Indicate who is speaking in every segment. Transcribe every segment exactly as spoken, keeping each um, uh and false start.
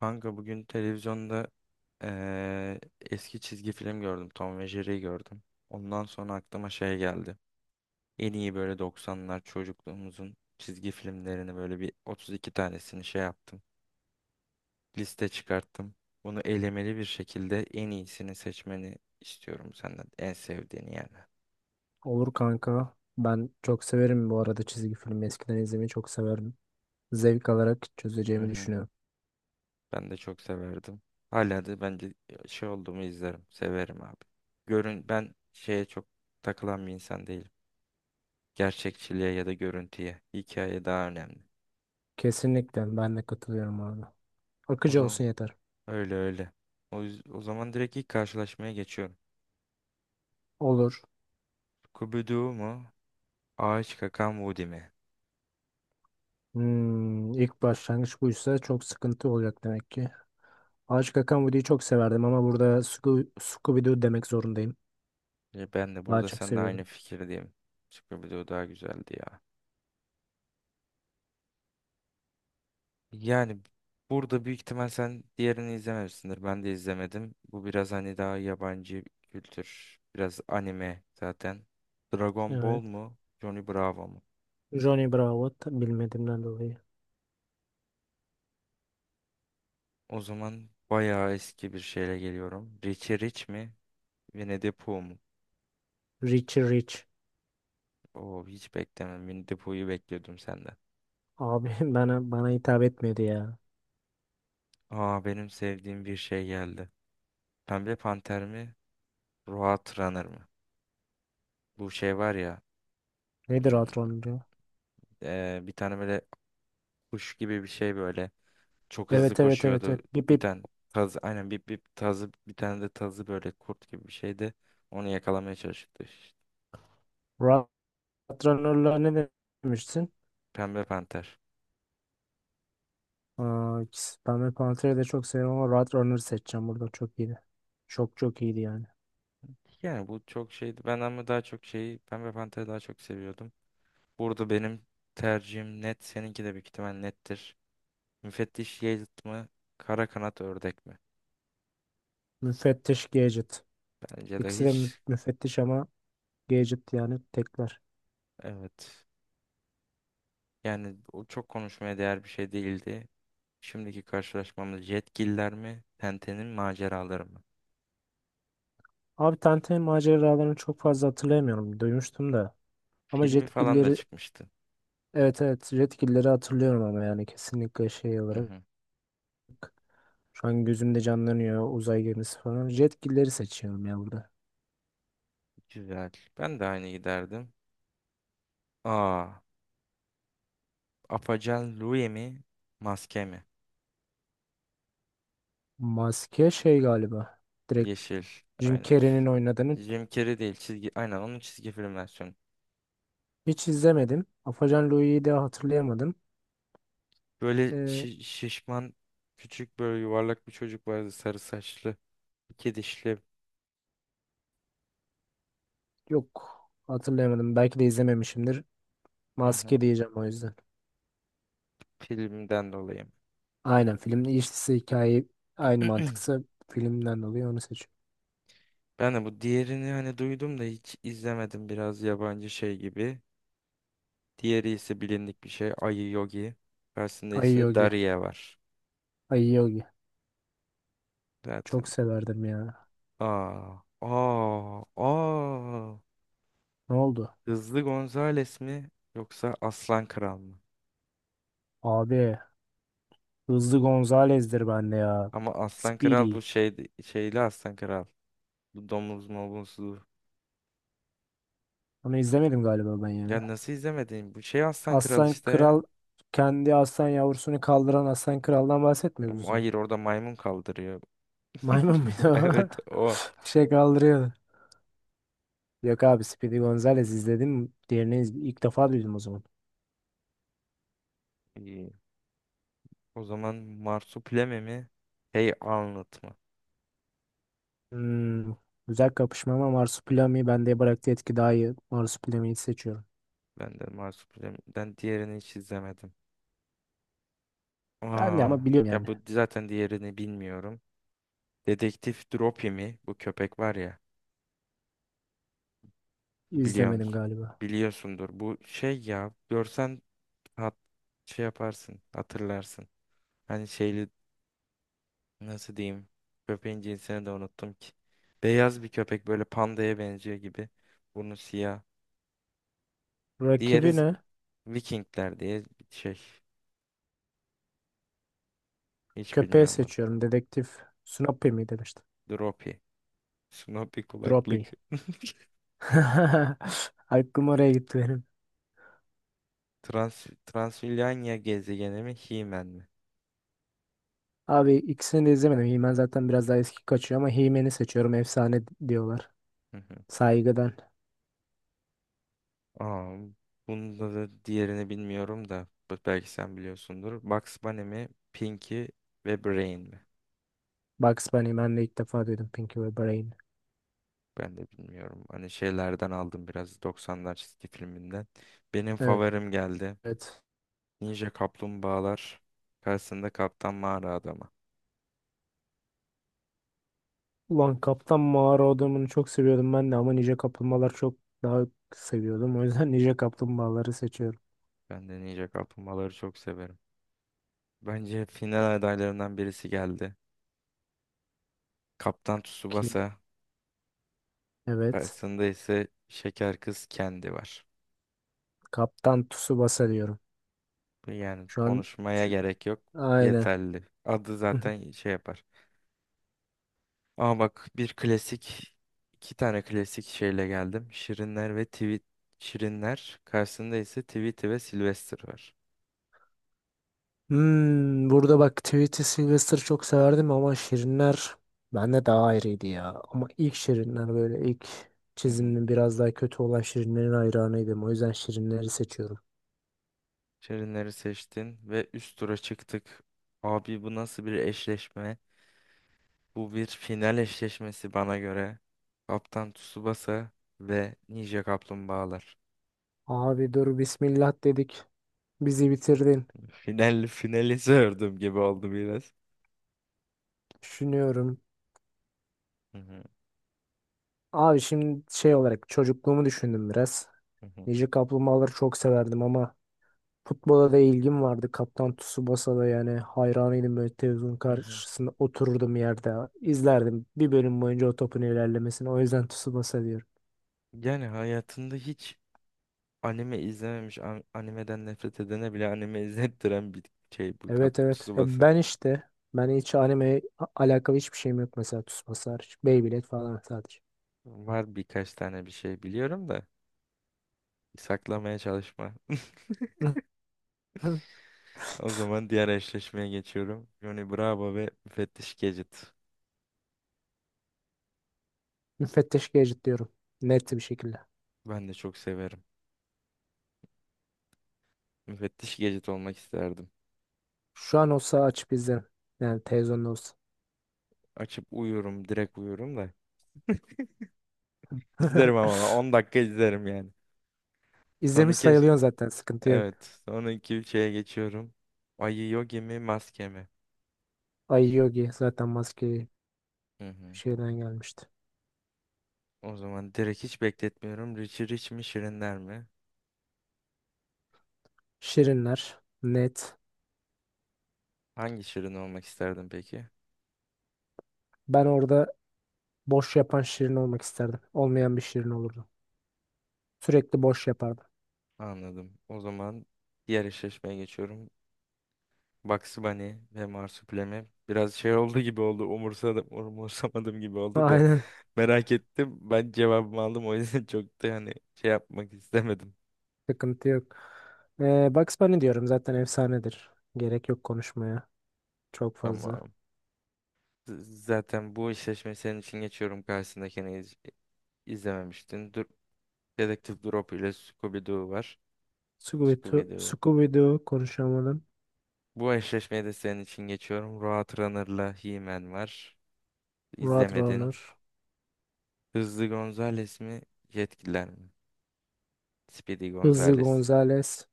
Speaker 1: Kanka bugün televizyonda eee, eski çizgi film gördüm. Tom ve Jerry'yi gördüm. Ondan sonra aklıma şey geldi. En iyi böyle doksanlar çocukluğumuzun çizgi filmlerini böyle bir otuz iki tanesini şey yaptım. Liste çıkarttım. Bunu elemeli bir şekilde en iyisini seçmeni istiyorum senden. En sevdiğini yani.
Speaker 2: Olur kanka. Ben çok severim bu arada çizgi filmi. Eskiden izlemeyi çok severdim. Zevk alarak
Speaker 1: Hı
Speaker 2: çözeceğimi
Speaker 1: hı.
Speaker 2: düşünüyorum.
Speaker 1: Ben de çok severdim. Hala da bence şey olduğumu izlerim. Severim abi. Görün ben şeye çok takılan bir insan değilim. Gerçekçiliğe ya da görüntüye. Hikaye daha önemli.
Speaker 2: Kesinlikle ben de katılıyorum abi.
Speaker 1: O
Speaker 2: Akıcı
Speaker 1: zaman
Speaker 2: olsun yeter.
Speaker 1: öyle öyle. O, yüz- o zaman direkt ilk karşılaşmaya geçiyorum.
Speaker 2: Olur.
Speaker 1: Scooby-Doo mu? Ağaç kakan Woody mi?
Speaker 2: Hmm, ilk başlangıç buysa çok sıkıntı olacak demek ki. Ağaç Kakan Video'yu çok severdim ama burada Sco- Scooby-Doo demek zorundayım.
Speaker 1: E, Ben de
Speaker 2: Daha
Speaker 1: burada
Speaker 2: çok
Speaker 1: seninle aynı
Speaker 2: seviyordum.
Speaker 1: fikirdeyim. Scooby-Doo daha güzeldi ya. Yani burada büyük ihtimal sen diğerini izlememişsindir. Ben de izlemedim. Bu biraz hani daha yabancı kültür. Biraz anime zaten. Dragon Ball
Speaker 2: Evet.
Speaker 1: mu? Johnny Bravo mu?
Speaker 2: Johnny Bravo ta- bilmediğimden dolayı.
Speaker 1: O zaman bayağı eski bir şeyle geliyorum. Richie Rich mi? Winnie the Pooh mu?
Speaker 2: Richie Rich.
Speaker 1: Oo, hiç beklemem. Winnie the Pooh'yu bekliyordum senden.
Speaker 2: Abi bana bana hitap etmedi ya.
Speaker 1: Aa, benim sevdiğim bir şey geldi. Pembe Panter mi? Roadrunner Runner mı? Bu şey var ya.
Speaker 2: Nedir
Speaker 1: hmm,
Speaker 2: hatırlamıyorum.
Speaker 1: ee, Bir tane böyle kuş gibi bir şey böyle. Çok hızlı
Speaker 2: Evet, evet, evet,
Speaker 1: koşuyordu.
Speaker 2: evet. Bip
Speaker 1: Bir
Speaker 2: bip.
Speaker 1: tane tazı. Aynen bir, bir tazı. Bir tane de tazı böyle kurt gibi bir şeydi. Onu yakalamaya çalışıyordu işte.
Speaker 2: Rahat Runner'la ne demiştin?
Speaker 1: Pembe Panter.
Speaker 2: Aa, ikisi- ben de Pantera'yı da çok seviyorum ama Rahat Runner'ı seçeceğim burada. Çok iyiydi. Çok çok iyiydi yani.
Speaker 1: Yani bu çok şeydi. Ben ama daha çok şeyi Pembe Panter'i daha çok seviyordum. Burada benim tercihim net. Seninki de büyük ihtimal nettir. Müfettiş Yiğit mi? Kara kanat ördek mi?
Speaker 2: Müfettiş Gadget.
Speaker 1: Bence de
Speaker 2: İkisi de mü-
Speaker 1: hiç,
Speaker 2: müfettiş ama Gadget yani tekler.
Speaker 1: evet. Yani o çok konuşmaya değer bir şey değildi. Şimdiki karşılaşmamız Jetgiller mi? Tenten'in maceraları mı?
Speaker 2: Abi Tenten maceralarını çok fazla hatırlayamıyorum. Duymuştum da. Ama
Speaker 1: Filmi falan da
Speaker 2: Jetgiller'i,
Speaker 1: çıkmıştı.
Speaker 2: evet evet, Jetgiller'i hatırlıyorum ama yani kesinlikle şey
Speaker 1: Hı
Speaker 2: olarak.
Speaker 1: hı.
Speaker 2: Şu an gözümde canlanıyor uzay gemisi falan. Jetgiller'i seçiyorum ya burada.
Speaker 1: Güzel. Ben de aynı giderdim. Aa, Apacan Louie mi? Maske mi?
Speaker 2: Maske şey galiba.
Speaker 1: Yeşil.
Speaker 2: Jim
Speaker 1: Aynen.
Speaker 2: Carrey'nin oynadığını
Speaker 1: Jim Carrey değil. Çizgi. Aynen onun çizgi film versiyonu.
Speaker 2: hiç izlemedim. Afacan Louie'yi de hatırlayamadım.
Speaker 1: Böyle
Speaker 2: Ee,
Speaker 1: şi- şişman küçük böyle yuvarlak bir çocuk vardı sarı saçlı. İki dişli.
Speaker 2: Yok, hatırlayamadım. Belki de izlememişimdir.
Speaker 1: Hı hı.
Speaker 2: Maske diyeceğim o yüzden.
Speaker 1: Filmden dolayı.
Speaker 2: Aynen filmin işlisi hikaye aynı mantıksa filmden dolayı onu seçiyorum.
Speaker 1: Ben de bu diğerini hani duydum da hiç izlemedim. Biraz yabancı şey gibi. Diğeri ise bilindik bir şey. Ayı Yogi. Karşısında
Speaker 2: Ayı
Speaker 1: ise
Speaker 2: Yogi.
Speaker 1: Daria var.
Speaker 2: Ayı Yogi. Çok
Speaker 1: Zaten.
Speaker 2: severdim ya.
Speaker 1: Aa, aa, aa.
Speaker 2: Ne oldu?
Speaker 1: Hızlı Gonzales mi yoksa Aslan Kral mı?
Speaker 2: Abi Hızlı Gonzalez'dir bende ya.
Speaker 1: Ama Aslan Kral
Speaker 2: Speedy.
Speaker 1: bu şey şeyli Aslan Kral. Bu domuz mobuzlu.
Speaker 2: Onu izlemedim galiba ben
Speaker 1: Ya
Speaker 2: ya.
Speaker 1: nasıl izlemedin? Bu şey Aslan Kral
Speaker 2: Aslan
Speaker 1: işte.
Speaker 2: Kral kendi aslan yavrusunu kaldıran aslan kraldan bahsetmiyoruz o
Speaker 1: Ama
Speaker 2: zaman.
Speaker 1: hayır, orada maymun kaldırıyor.
Speaker 2: Maymun bir de o.
Speaker 1: Evet, o.
Speaker 2: Şey kaldırıyordu. Yok abi Speedy Gonzales izledim. Diğerini iz- ilk defa duydum o zaman.
Speaker 1: İyi. O zaman Marsupilami mi? Hey Arnold mı?
Speaker 2: Hmm, güzel kapışma ama Marsupilami bende bıraktığı etki daha iyi. Marsupilami'yi seçiyorum.
Speaker 1: Ben de Marsupilami'den diğerini hiç izlemedim.
Speaker 2: Ben de
Speaker 1: Aa,
Speaker 2: ama biliyorum
Speaker 1: ya
Speaker 2: yani.
Speaker 1: bu zaten diğerini bilmiyorum. Dedektif Dropi mi? Bu köpek var ya. Biliyor
Speaker 2: İzlemedim
Speaker 1: musun?
Speaker 2: galiba.
Speaker 1: Biliyorsundur. Bu şey ya. Görsen hat, şey yaparsın. Hatırlarsın. Hani şeyli, nasıl diyeyim? Köpeğin cinsini de unuttum ki. Beyaz bir köpek, böyle pandaya benziyor gibi. Burnu siyah. Diğeri
Speaker 2: Rakibi ne?
Speaker 1: Vikingler diye bir şey. Hiç
Speaker 2: Köpeği
Speaker 1: bilmiyorum ben.
Speaker 2: seçiyorum. Dedektif Snoopy mi demiştim.
Speaker 1: Dropi. Snoopy
Speaker 2: Droppy.
Speaker 1: kulaklık.
Speaker 2: Aklım oraya gitti benim.
Speaker 1: Trans Transilvanya gezegeni mi? He-Man mi?
Speaker 2: Abi ikisini de izlemedim. He-Man zaten biraz daha eski kaçıyor ama He-Man'i seçiyorum. Efsane diyorlar.
Speaker 1: Hı hı.
Speaker 2: Saygıdan.
Speaker 1: Aa, bunda da diğerini bilmiyorum da b- belki sen biliyorsundur. Bugs Bunny mi? Pinky ve Brain mi?
Speaker 2: Bugs Bunny, ben de ilk defa duydum Pinky ve Brain.
Speaker 1: Ben de bilmiyorum. Hani şeylerden aldım biraz, doksanlar çizgi filminden. Benim favorim geldi.
Speaker 2: Evet.
Speaker 1: Ninja Kaplumbağalar. Karşısında Kaptan Mağara Adamı.
Speaker 2: Ulan Kaptan Mağara adamını çok seviyordum ben de ama Ninja Kaplumbağalar çok daha seviyordum. O yüzden Ninja Kaplumbağaları seçiyorum.
Speaker 1: Ben de Ninja Kaplumbağaları çok severim. Bence final adaylarından birisi geldi. Kaptan
Speaker 2: Ki
Speaker 1: Tsubasa
Speaker 2: evet.
Speaker 1: karşısında ise Şeker Kız Kendi var.
Speaker 2: Kaptan Tsubasa diyorum.
Speaker 1: Bu, yani
Speaker 2: Şu an
Speaker 1: konuşmaya
Speaker 2: şu,
Speaker 1: gerek yok.
Speaker 2: aynen.
Speaker 1: Yeterli. Adı zaten şey yapar. Ama bak, bir klasik iki tane klasik şeyle geldim. Şirinler ve Tweet Şirinler karşısında ise Tweety ve Sylvester var.
Speaker 2: Hmm, burada bak Tweety Sylvester çok severdim ama Şirinler bende daha ayrıydı ya. Ama ilk Şirinler böyle ilk
Speaker 1: Hı hı.
Speaker 2: çiziminin biraz daha kötü olan Şirinlerin hayranıydım. O yüzden Şirinleri seçiyorum.
Speaker 1: Şirinleri seçtin ve üst tura çıktık. Abi bu nasıl bir eşleşme? Bu bir final eşleşmesi bana göre. Kaptan Tsubasa ve Ninja Kaplumbağalar.
Speaker 2: Abi dur bismillah dedik. Bizi bitirdin.
Speaker 1: Final, finali sordum gibi oldu biraz.
Speaker 2: Düşünüyorum.
Speaker 1: Hı hı,
Speaker 2: Abi şimdi şey olarak çocukluğumu düşündüm biraz.
Speaker 1: hı hı,
Speaker 2: Nice Kaplumbağaları çok severdim ama futbola da ilgim vardı. Kaptan Tsubasa'da yani hayranıydım, böyle televizyonun
Speaker 1: hı hı.
Speaker 2: karşısında otururdum yerde. İzlerdim bir bölüm boyunca o topun ilerlemesini. O yüzden Tsubasa diyorum.
Speaker 1: Yani hayatında hiç anime izlememiş, an- animeden nefret edene bile anime izlettiren bir şey bu
Speaker 2: Evet
Speaker 1: Kaptan
Speaker 2: evet. Ya
Speaker 1: Tsubasa.
Speaker 2: ben işte ben hiç anime alakalı hiçbir şeyim yok mesela, Tsubasa hariç. Beyblade falan sadece.
Speaker 1: Var birkaç tane bir şey biliyorum da, saklamaya çalışma. O zaman diğer eşleşmeye geçiyorum. Johnny Bravo ve Müfettiş Gadget.
Speaker 2: Müfettiş Gadget diyorum. Net bir şekilde.
Speaker 1: Ben de çok severim. Müfettiş Gadget olmak isterdim.
Speaker 2: Şu an olsa açıp izlerim. Yani televizyonda olsa.
Speaker 1: Açıp uyurum. Direkt uyurum da. İzlerim ama on dakika izlerim yani.
Speaker 2: İzlemiş
Speaker 1: Sonraki,
Speaker 2: sayılıyorsun zaten, sıkıntı yok.
Speaker 1: evet. Sonraki şeye geçiyorum. Ayı Yogi mi, maske mi?
Speaker 2: Ay Yogi zaten maske
Speaker 1: Hı hı.
Speaker 2: şeyden gelmişti.
Speaker 1: O zaman direkt hiç bekletmiyorum. Richie Rich mi, Şirinler mi?
Speaker 2: Şirinler. Net.
Speaker 1: Hangi Şirin olmak isterdin peki?
Speaker 2: Ben orada boş yapan Şirin olmak isterdim. Olmayan bir Şirin olurdum. Sürekli boş yapardım.
Speaker 1: Anladım. O zaman diğer eşleşmeye geçiyorum. Bugs Bunny ve Marsupilami. Biraz şey oldu gibi oldu. Umursadım, umursamadım gibi oldu da.
Speaker 2: Aynen.
Speaker 1: Merak ettim. Ben cevabımı aldım. O yüzden çok da hani şey yapmak istemedim.
Speaker 2: Sıkıntı yok. Ee, Bugs Bunny diyorum, zaten efsanedir. Gerek yok konuşmaya. Çok fazla.
Speaker 1: Tamam. Z- Zaten bu eşleşmeyi senin için geçiyorum. Karşısındakini iz- izlememiştin. Dur, Dedektif Drop ile Scooby-Doo var.
Speaker 2: Scooby-Doo,
Speaker 1: Scooby-Doo.
Speaker 2: Scooby-Doo konuşamadım.
Speaker 1: Bu eşleşmeyi de senin için geçiyorum. Roadrunner'la He-Man var. İzlemedin.
Speaker 2: Roadrunner.
Speaker 1: Hızlı Gonzales mi? Yetkililer mi? Speedy
Speaker 2: Hızlı
Speaker 1: Gonzales.
Speaker 2: Gonzales.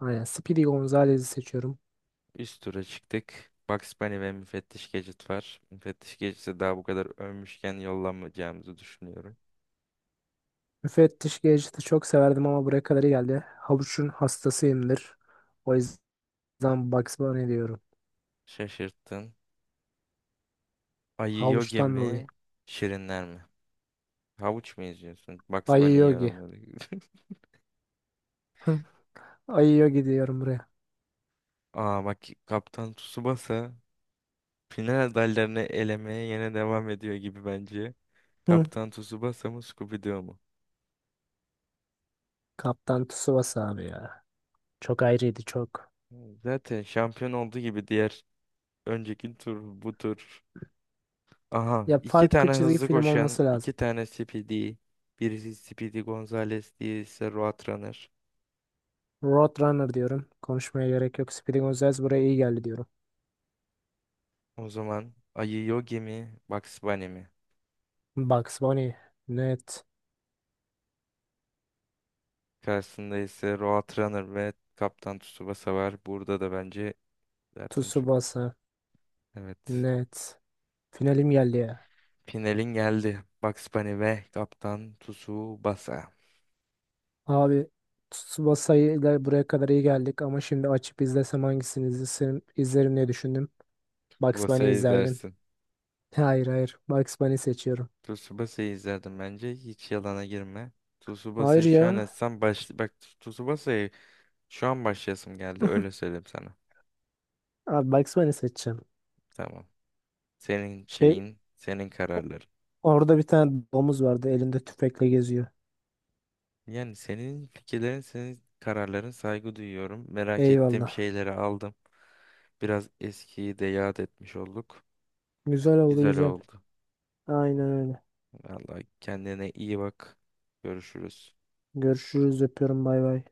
Speaker 2: Aynen. Speedy Gonzales'i seçiyorum.
Speaker 1: Üst tura çıktık. Bugs Bunny ve Müfettiş Gadget var. Müfettiş Gadget'i daha bu kadar övmüşken yollamayacağımızı düşünüyorum.
Speaker 2: Müfettiş Gadget'ı çok severdim ama buraya kadar iyi geldi. Havuç'un hastasıyımdır. O yüzden Bugs Bunny diyorum.
Speaker 1: Şaşırttın. Ayı Yogi
Speaker 2: Havuç'tan dolayı.
Speaker 1: mi? Şirinler mi? Havuç mu eziyorsun? Bugs
Speaker 2: Ayı
Speaker 1: Bunny'yi
Speaker 2: Yogi.
Speaker 1: yorumladı.
Speaker 2: Hı. Ayı Yogi diyorum buraya.
Speaker 1: Aa bak, Kaptan Tsubasa final adaylarını elemeye yine devam ediyor gibi bence.
Speaker 2: Hı.
Speaker 1: Kaptan Tsubasa mı, Scooby-Doo mu?
Speaker 2: Kaptan Tsubasa abi ya. Çok ayrıydı çok.
Speaker 1: Zaten şampiyon olduğu gibi diğer, önceki tur, bu tur. Aha,
Speaker 2: Ya
Speaker 1: iki
Speaker 2: farklı
Speaker 1: tane
Speaker 2: çizgi
Speaker 1: hızlı
Speaker 2: film
Speaker 1: koşan,
Speaker 2: olması
Speaker 1: iki
Speaker 2: lazım.
Speaker 1: tane Speedy. Birisi Speedy Gonzales, diğerisi Roadrunner.
Speaker 2: Roadrunner diyorum. Konuşmaya gerek yok. Speeding Gonzales buraya iyi geldi diyorum.
Speaker 1: O zaman Ayı Yogi mi, Bugs Bunny mi?
Speaker 2: Bugs Bunny. Net.
Speaker 1: Karşısında ise Roadrunner ve Kaptan Tsubasa var. Burada da bence zaten çok,
Speaker 2: Tsubasa.
Speaker 1: evet.
Speaker 2: Net. Finalim geldi ya.
Speaker 1: Finalin geldi. Bugs Bunny ve Kaptan Tsubasa.
Speaker 2: Abi Tsubasa ile buraya kadar iyi geldik ama şimdi açıp izlesem hangisini izlerim, izlerim diye düşündüm. Bugs Bunny
Speaker 1: Tsubasa'yı
Speaker 2: izlerdim.
Speaker 1: izlersin.
Speaker 2: Hayır hayır, Bugs Bunny seçiyorum.
Speaker 1: Tsubasa'yı izlerdim bence. Hiç yalana girme.
Speaker 2: Hayır
Speaker 1: Tsubasa'yı şu an
Speaker 2: ya.
Speaker 1: etsem baş... Bak, Tsubasa'yı şu an başlayasım geldi. Öyle söyleyeyim sana.
Speaker 2: Abi Bugs Bunny seçeceğim.
Speaker 1: Tamam. Senin
Speaker 2: Şey,
Speaker 1: şeyin, senin kararların.
Speaker 2: orada bir tane domuz vardı, elinde tüfekle geziyor.
Speaker 1: Yani senin fikirlerin, senin kararların, saygı duyuyorum. Merak ettiğim
Speaker 2: Eyvallah.
Speaker 1: şeyleri aldım. Biraz eskiyi de yad etmiş olduk.
Speaker 2: Güzel oldu
Speaker 1: Güzel
Speaker 2: güzel.
Speaker 1: oldu.
Speaker 2: Aynen öyle.
Speaker 1: Vallahi kendine iyi bak. Görüşürüz.
Speaker 2: Görüşürüz, öpüyorum, bay bay.